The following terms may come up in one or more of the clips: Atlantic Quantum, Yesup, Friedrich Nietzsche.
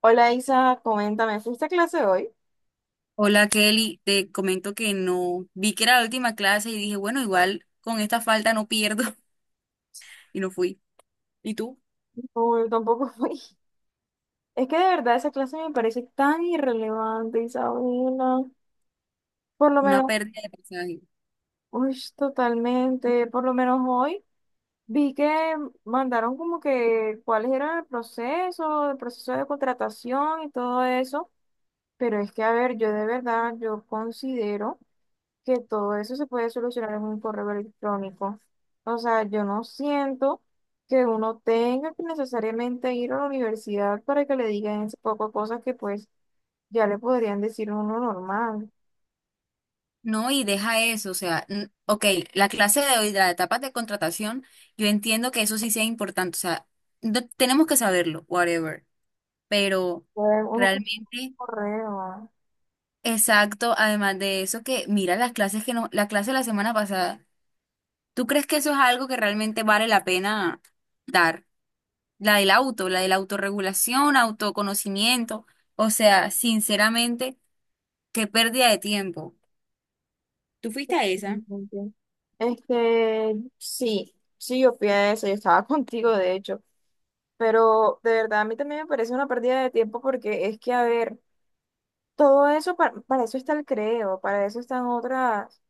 Hola Isa, coméntame, ¿fuiste a clase hoy? Hola Kelly, te comento que no vi que era la última clase y dije, bueno, igual con esta falta no pierdo y no fui. ¿Y tú? No, yo tampoco fui. Es que de verdad esa clase me parece tan irrelevante, Isabela. Por lo Una menos, pérdida de pasaje. uy, totalmente. Por lo menos hoy vi que mandaron como que cuáles eran el proceso de contratación y todo eso. Pero es que, a ver, yo de verdad, yo considero que todo eso se puede solucionar en un correo electrónico. O sea, yo no siento que uno tenga que necesariamente ir a la universidad para que le digan ese poco de cosas que pues ya le podrían decir a uno normal. No, y deja eso, o sea, ok, la clase de hoy, la etapa de contratación, yo entiendo que eso sí sea importante, o sea, tenemos que saberlo, whatever, pero Puede uno con un realmente, correo. exacto, además de eso que mira las clases que no, la clase de la semana pasada, ¿tú crees que eso es algo que realmente vale la pena dar? La del auto, la de la autorregulación, autoconocimiento. O sea, sinceramente, qué pérdida de tiempo. ¿Tú fuiste a esa? Realmente. Sí, sí, yo de eso, yo estaba contigo, de hecho, pero de verdad a mí también me parece una pérdida de tiempo porque es que, a ver, todo eso, para eso está el creo, para eso están otras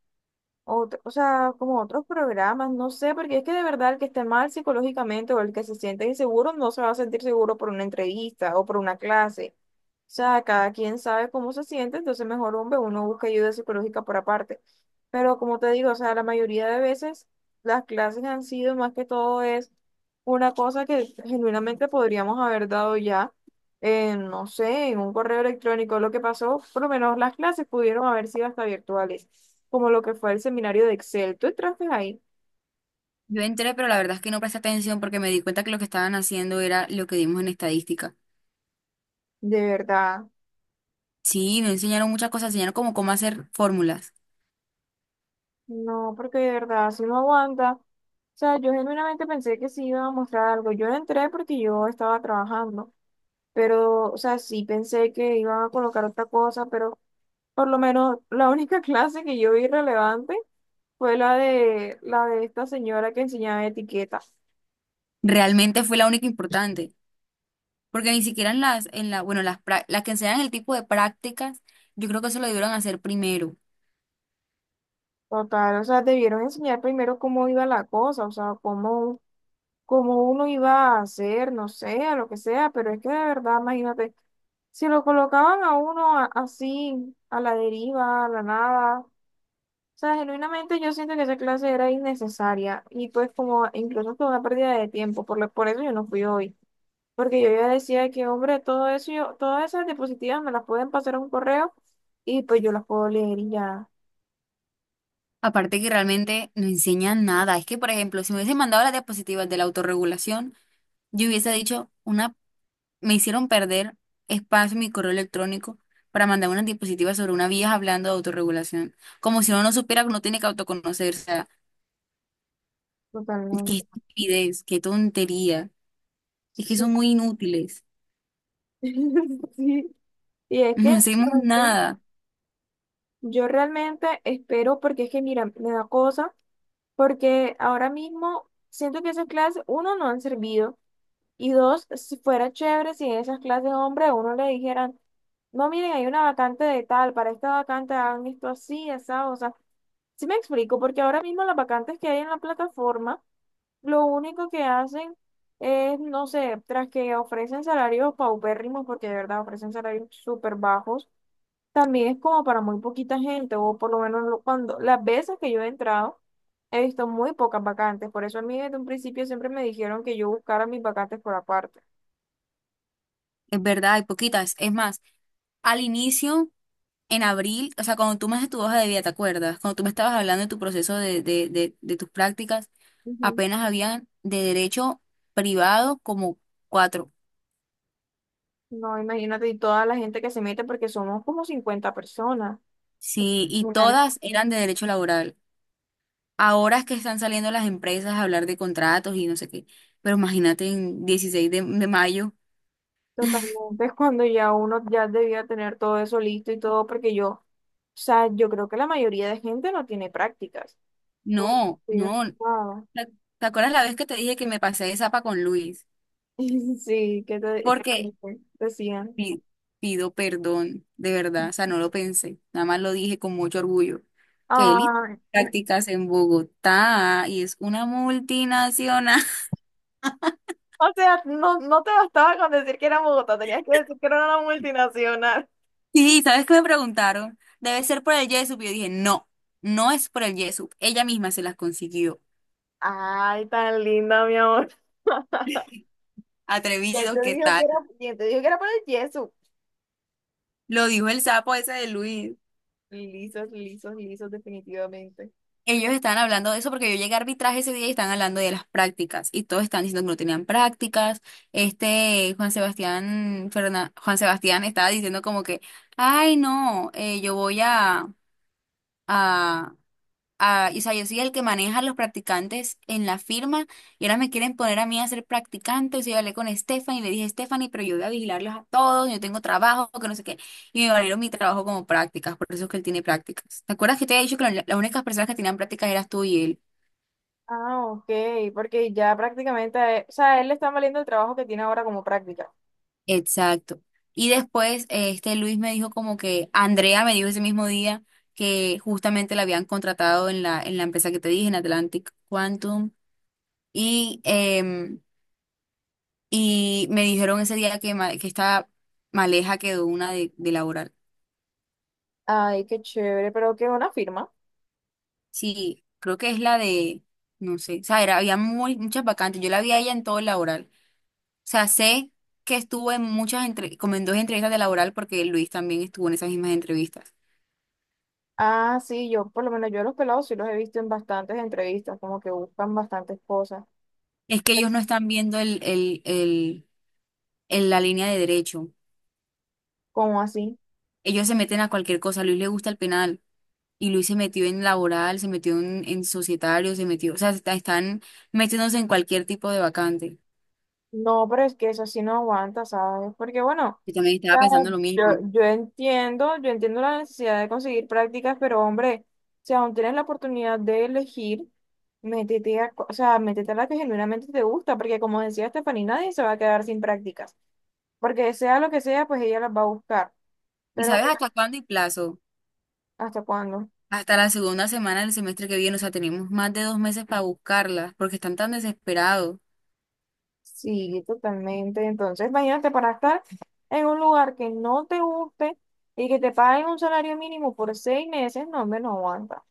o sea, como otros programas, no sé, porque es que de verdad el que esté mal psicológicamente o el que se siente inseguro no se va a sentir seguro por una entrevista o por una clase. O sea, cada quien sabe cómo se siente, entonces mejor hombre, uno busca ayuda psicológica por aparte. Pero como te digo, o sea, la mayoría de veces las clases han sido más que todo es una cosa que genuinamente podríamos haber dado ya, en, no sé, en un correo electrónico. Lo que pasó, por lo menos las clases pudieron haber sido hasta virtuales como lo que fue el seminario de Excel. Tú entraste ahí, Yo entré, pero la verdad es que no presté atención porque me di cuenta que lo que estaban haciendo era lo que dimos en estadística. de verdad. Sí, no enseñaron muchas cosas, enseñaron como cómo hacer fórmulas. No, porque de verdad, si no aguanta. O sea, yo genuinamente pensé que sí iba a mostrar algo. Yo no entré porque yo estaba trabajando, pero, o sea, sí pensé que iban a colocar otra cosa, pero por lo menos la única clase que yo vi relevante fue la de esta señora que enseñaba etiquetas. Realmente fue la única importante, porque ni siquiera en las, en la, bueno, las, prá- las que enseñan el tipo de prácticas, yo creo que eso lo debieron hacer primero. Total, o sea, debieron enseñar primero cómo iba la cosa, o sea, cómo como uno iba a hacer, no sé, a lo que sea, pero es que de verdad, imagínate, si lo colocaban a uno así, a la deriva, a la nada, o sea, genuinamente yo siento que esa clase era innecesaria y pues como incluso fue una pérdida de tiempo, por eso yo no fui hoy, porque yo ya decía que, hombre, todo eso, yo, todas esas diapositivas me las pueden pasar a un correo y pues yo las puedo leer y ya, Aparte que realmente no enseñan nada. Es que, por ejemplo, si me hubiesen mandado las diapositivas de la autorregulación, yo hubiese dicho, una, me hicieron perder espacio en mi correo electrónico para mandar unas diapositiva sobre una vieja hablando de autorregulación. Como si uno no supiera que uno tiene que autoconocerse. O sea, qué totalmente. estupidez, qué tontería. Es que Sí. son muy inútiles. Sí. Y es que... No hacemos nada. Yo realmente espero, porque es que, mira, me da cosa, porque ahora mismo siento que esas clases, uno, no han servido, y dos, si fuera chévere si en esas clases, hombre, a uno le dijeran, no, miren, hay una vacante de tal, para esta vacante hagan esto así, esa, o sea, sí me explico, porque ahora mismo las vacantes que hay en la plataforma, lo único que hacen es, no sé, tras que ofrecen salarios paupérrimos, porque de verdad ofrecen salarios súper bajos también es como para muy poquita gente, o por lo menos cuando las veces que yo he entrado, he visto muy pocas vacantes. Por eso a mí desde un principio siempre me dijeron que yo buscara mis vacantes por aparte. Es verdad, hay poquitas. Es más, al inicio, en abril, o sea, cuando tú me haces tu hoja de vida, ¿te acuerdas? Cuando tú me estabas hablando de tu proceso de tus prácticas, Ujú. apenas habían de derecho privado como cuatro. No, imagínate, y toda la gente que se mete, porque somos como 50 personas. Sí, y Mirar. todas eran de derecho laboral. Ahora es que están saliendo las empresas a hablar de contratos y no sé qué. Pero imagínate en 16 de mayo. Totalmente, es cuando ya uno ya debía tener todo eso listo y todo, porque yo, o sea, yo creo que la mayoría de gente no tiene prácticas. Por- No, sí, no. ah, ¿Te te acuerdas la vez que te dije que me pasé de zapa con Luis? sí, que Porque te decían. pi- pido perdón, de verdad. O sea, no lo pensé. Nada más lo dije con mucho orgullo. Que él hizo Ah, prácticas en Bogotá y es una multinacional. o sea, no, no te bastaba con decir que era Bogotá, tenías que decir que era una multinacional. Sí, ¿sabes qué me preguntaron? Debe ser por el Yesup. Y yo dije, no, no es por el Yesup. Ella misma se las consiguió. Ay, tan linda, mi amor. Atrevido, ¿qué tal? ¿Quién te dijo que era por el yeso? Lo dijo el sapo ese de Luis. Lisos, lisos, lisos, definitivamente. Ellos estaban hablando de eso porque yo llegué a arbitraje ese día y están hablando de las prácticas. Y todos están diciendo que no tenían prácticas. Este Juan Sebastián, Juan Sebastián estaba diciendo como que, ay, no, yo voy a, a, y, o sea, yo soy el que maneja a los practicantes en la firma y ahora me quieren poner a mí a ser practicante. O sea, yo hablé con Stephanie y le dije, Stephanie, pero yo voy a vigilarlos a todos, yo tengo trabajo, que no sé qué. Y me valieron mi trabajo como prácticas, por eso es que él tiene prácticas. ¿Te acuerdas que te había dicho que las únicas personas que tenían prácticas eras tú y él? Ah, ok, porque ya prácticamente, o sea, a él le está valiendo el trabajo que tiene ahora como práctica. Exacto. Y después este Luis me dijo como que Andrea me dijo ese mismo día que justamente la habían contratado en la empresa que te dije, en Atlantic Quantum. Y em, Y me dijeron ese día que, que esta maleja quedó una de laboral. Ay, qué chévere, pero qué buena firma. Sí, creo que es la de, no sé, o sea, había muchas vacantes. Yo la vi a ella en todo el laboral. O sea, sé que estuvo en muchas, entre, como en dos entrevistas de laboral porque Luis también estuvo en esas mismas entrevistas. Ah, sí, yo por lo menos yo a los pelados sí los he visto en bastantes entrevistas, como que buscan bastantes cosas. Es que ellos no están viendo la línea de derecho. ¿Cómo así? Ellos se meten a cualquier cosa. A Luis le gusta el penal. Y Luis se metió en laboral, se metió en societario, se metió, o sea, están metiéndose en cualquier tipo de vacante. No, pero es que eso sí no aguanta, ¿sabes? Porque bueno, Yo también estaba pensando ¿sabes? lo mismo. Yo entiendo la necesidad de conseguir prácticas, pero hombre, si aún tienes la oportunidad de elegir, o sea, métete a la que genuinamente te gusta, porque como decía Stephanie, nadie se va a quedar sin prácticas, porque sea lo que sea, pues ella las va a buscar, ¿Y pero sabes pues, hasta cuándo y plazo? ¿hasta cuándo? Hasta la segunda semana del semestre que viene, o sea, tenemos más de 2 meses para buscarlas, porque están tan desesperados. Sí, totalmente. Entonces, imagínate para estar en un lugar que no te guste y que te paguen un salario mínimo por 6 meses, no, hombre, no aguanta.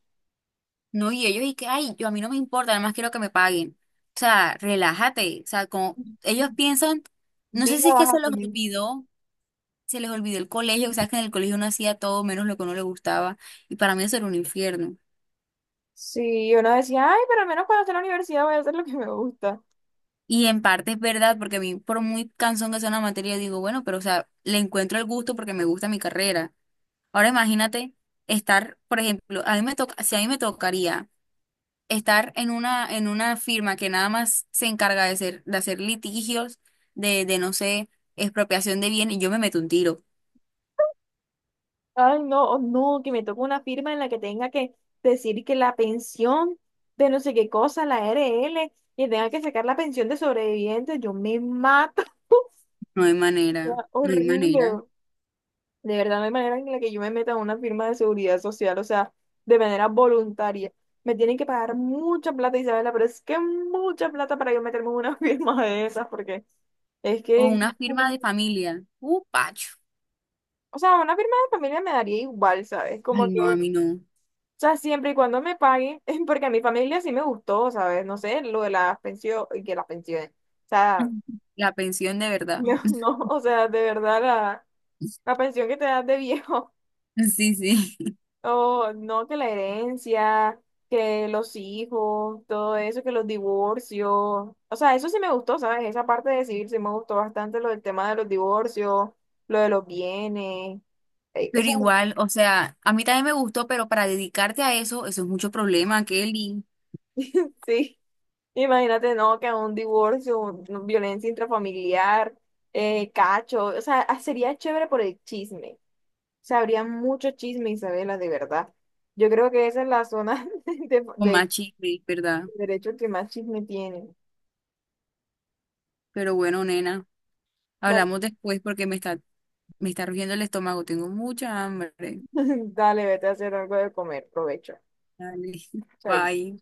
No, y ellos, y que, ay, yo a mí no me importa, además quiero que me paguen. O sea, relájate. O sea, como ellos piensan, no sé Vida si es que baja, se los Juli. olvidó, se les olvidó el colegio, o sea, que en el colegio uno hacía todo menos lo que a uno le gustaba, y para mí eso era un infierno. Sí, uno decía, ay, pero al menos cuando esté en la universidad voy a hacer lo que me gusta. Y en parte es verdad, porque a mí, por muy cansón que sea una materia, digo, bueno, pero o sea, le encuentro el gusto porque me gusta mi carrera. Ahora imagínate estar, por ejemplo, a mí me toca, si a mí me tocaría estar en una firma que nada más se encarga de hacer litigios, de no sé, expropiación de bienes, yo me meto un tiro. Ay, no, oh, no, que me toque una firma en la que tenga que decir que la pensión de no sé qué cosa, la RL, y tenga que sacar la pensión de sobrevivientes, yo me mato. No hay manera, Sería no hay manera. horrible. De verdad, no hay manera en la que yo me meta a una firma de seguridad social, o sea, de manera voluntaria. Me tienen que pagar mucha plata, Isabela, pero es que mucha plata para yo meterme en una firma de esas, porque es O que... una firma de familia. Pacho. O sea, una firma de familia me daría igual, ¿sabes? Como Ay, que, no, a o mí no. sea, siempre y cuando me paguen, porque a mi familia sí me gustó, ¿sabes? No sé, lo de las pensiones, que las pensiones. O sea, La pensión de verdad. no, no, o sea, de verdad la pensión que te das de viejo, Sí, sí. o no, que la herencia, que los hijos, todo eso, que los divorcios. O sea, eso sí me gustó, ¿sabes? Esa parte de civil sí me gustó bastante, lo del tema de los divorcios, lo de los bienes. Pero Eso, igual, o sea, a mí también me gustó, pero para dedicarte a eso, eso es mucho problema, Kelly. sí. Imagínate, no, que un divorcio, violencia intrafamiliar, cacho, o sea, ah, sería chévere por el chisme. O sea, habría mucho chisme, Isabela, de verdad. Yo creo que esa es la zona Con más de chisme, ¿verdad? derecho que más chisme tiene. Pero bueno, nena. Vale. Hablamos después porque me está rugiendo el estómago. Tengo mucha hambre. Dale, vete a hacer algo de comer, provecho. Dale, Chaito. bye.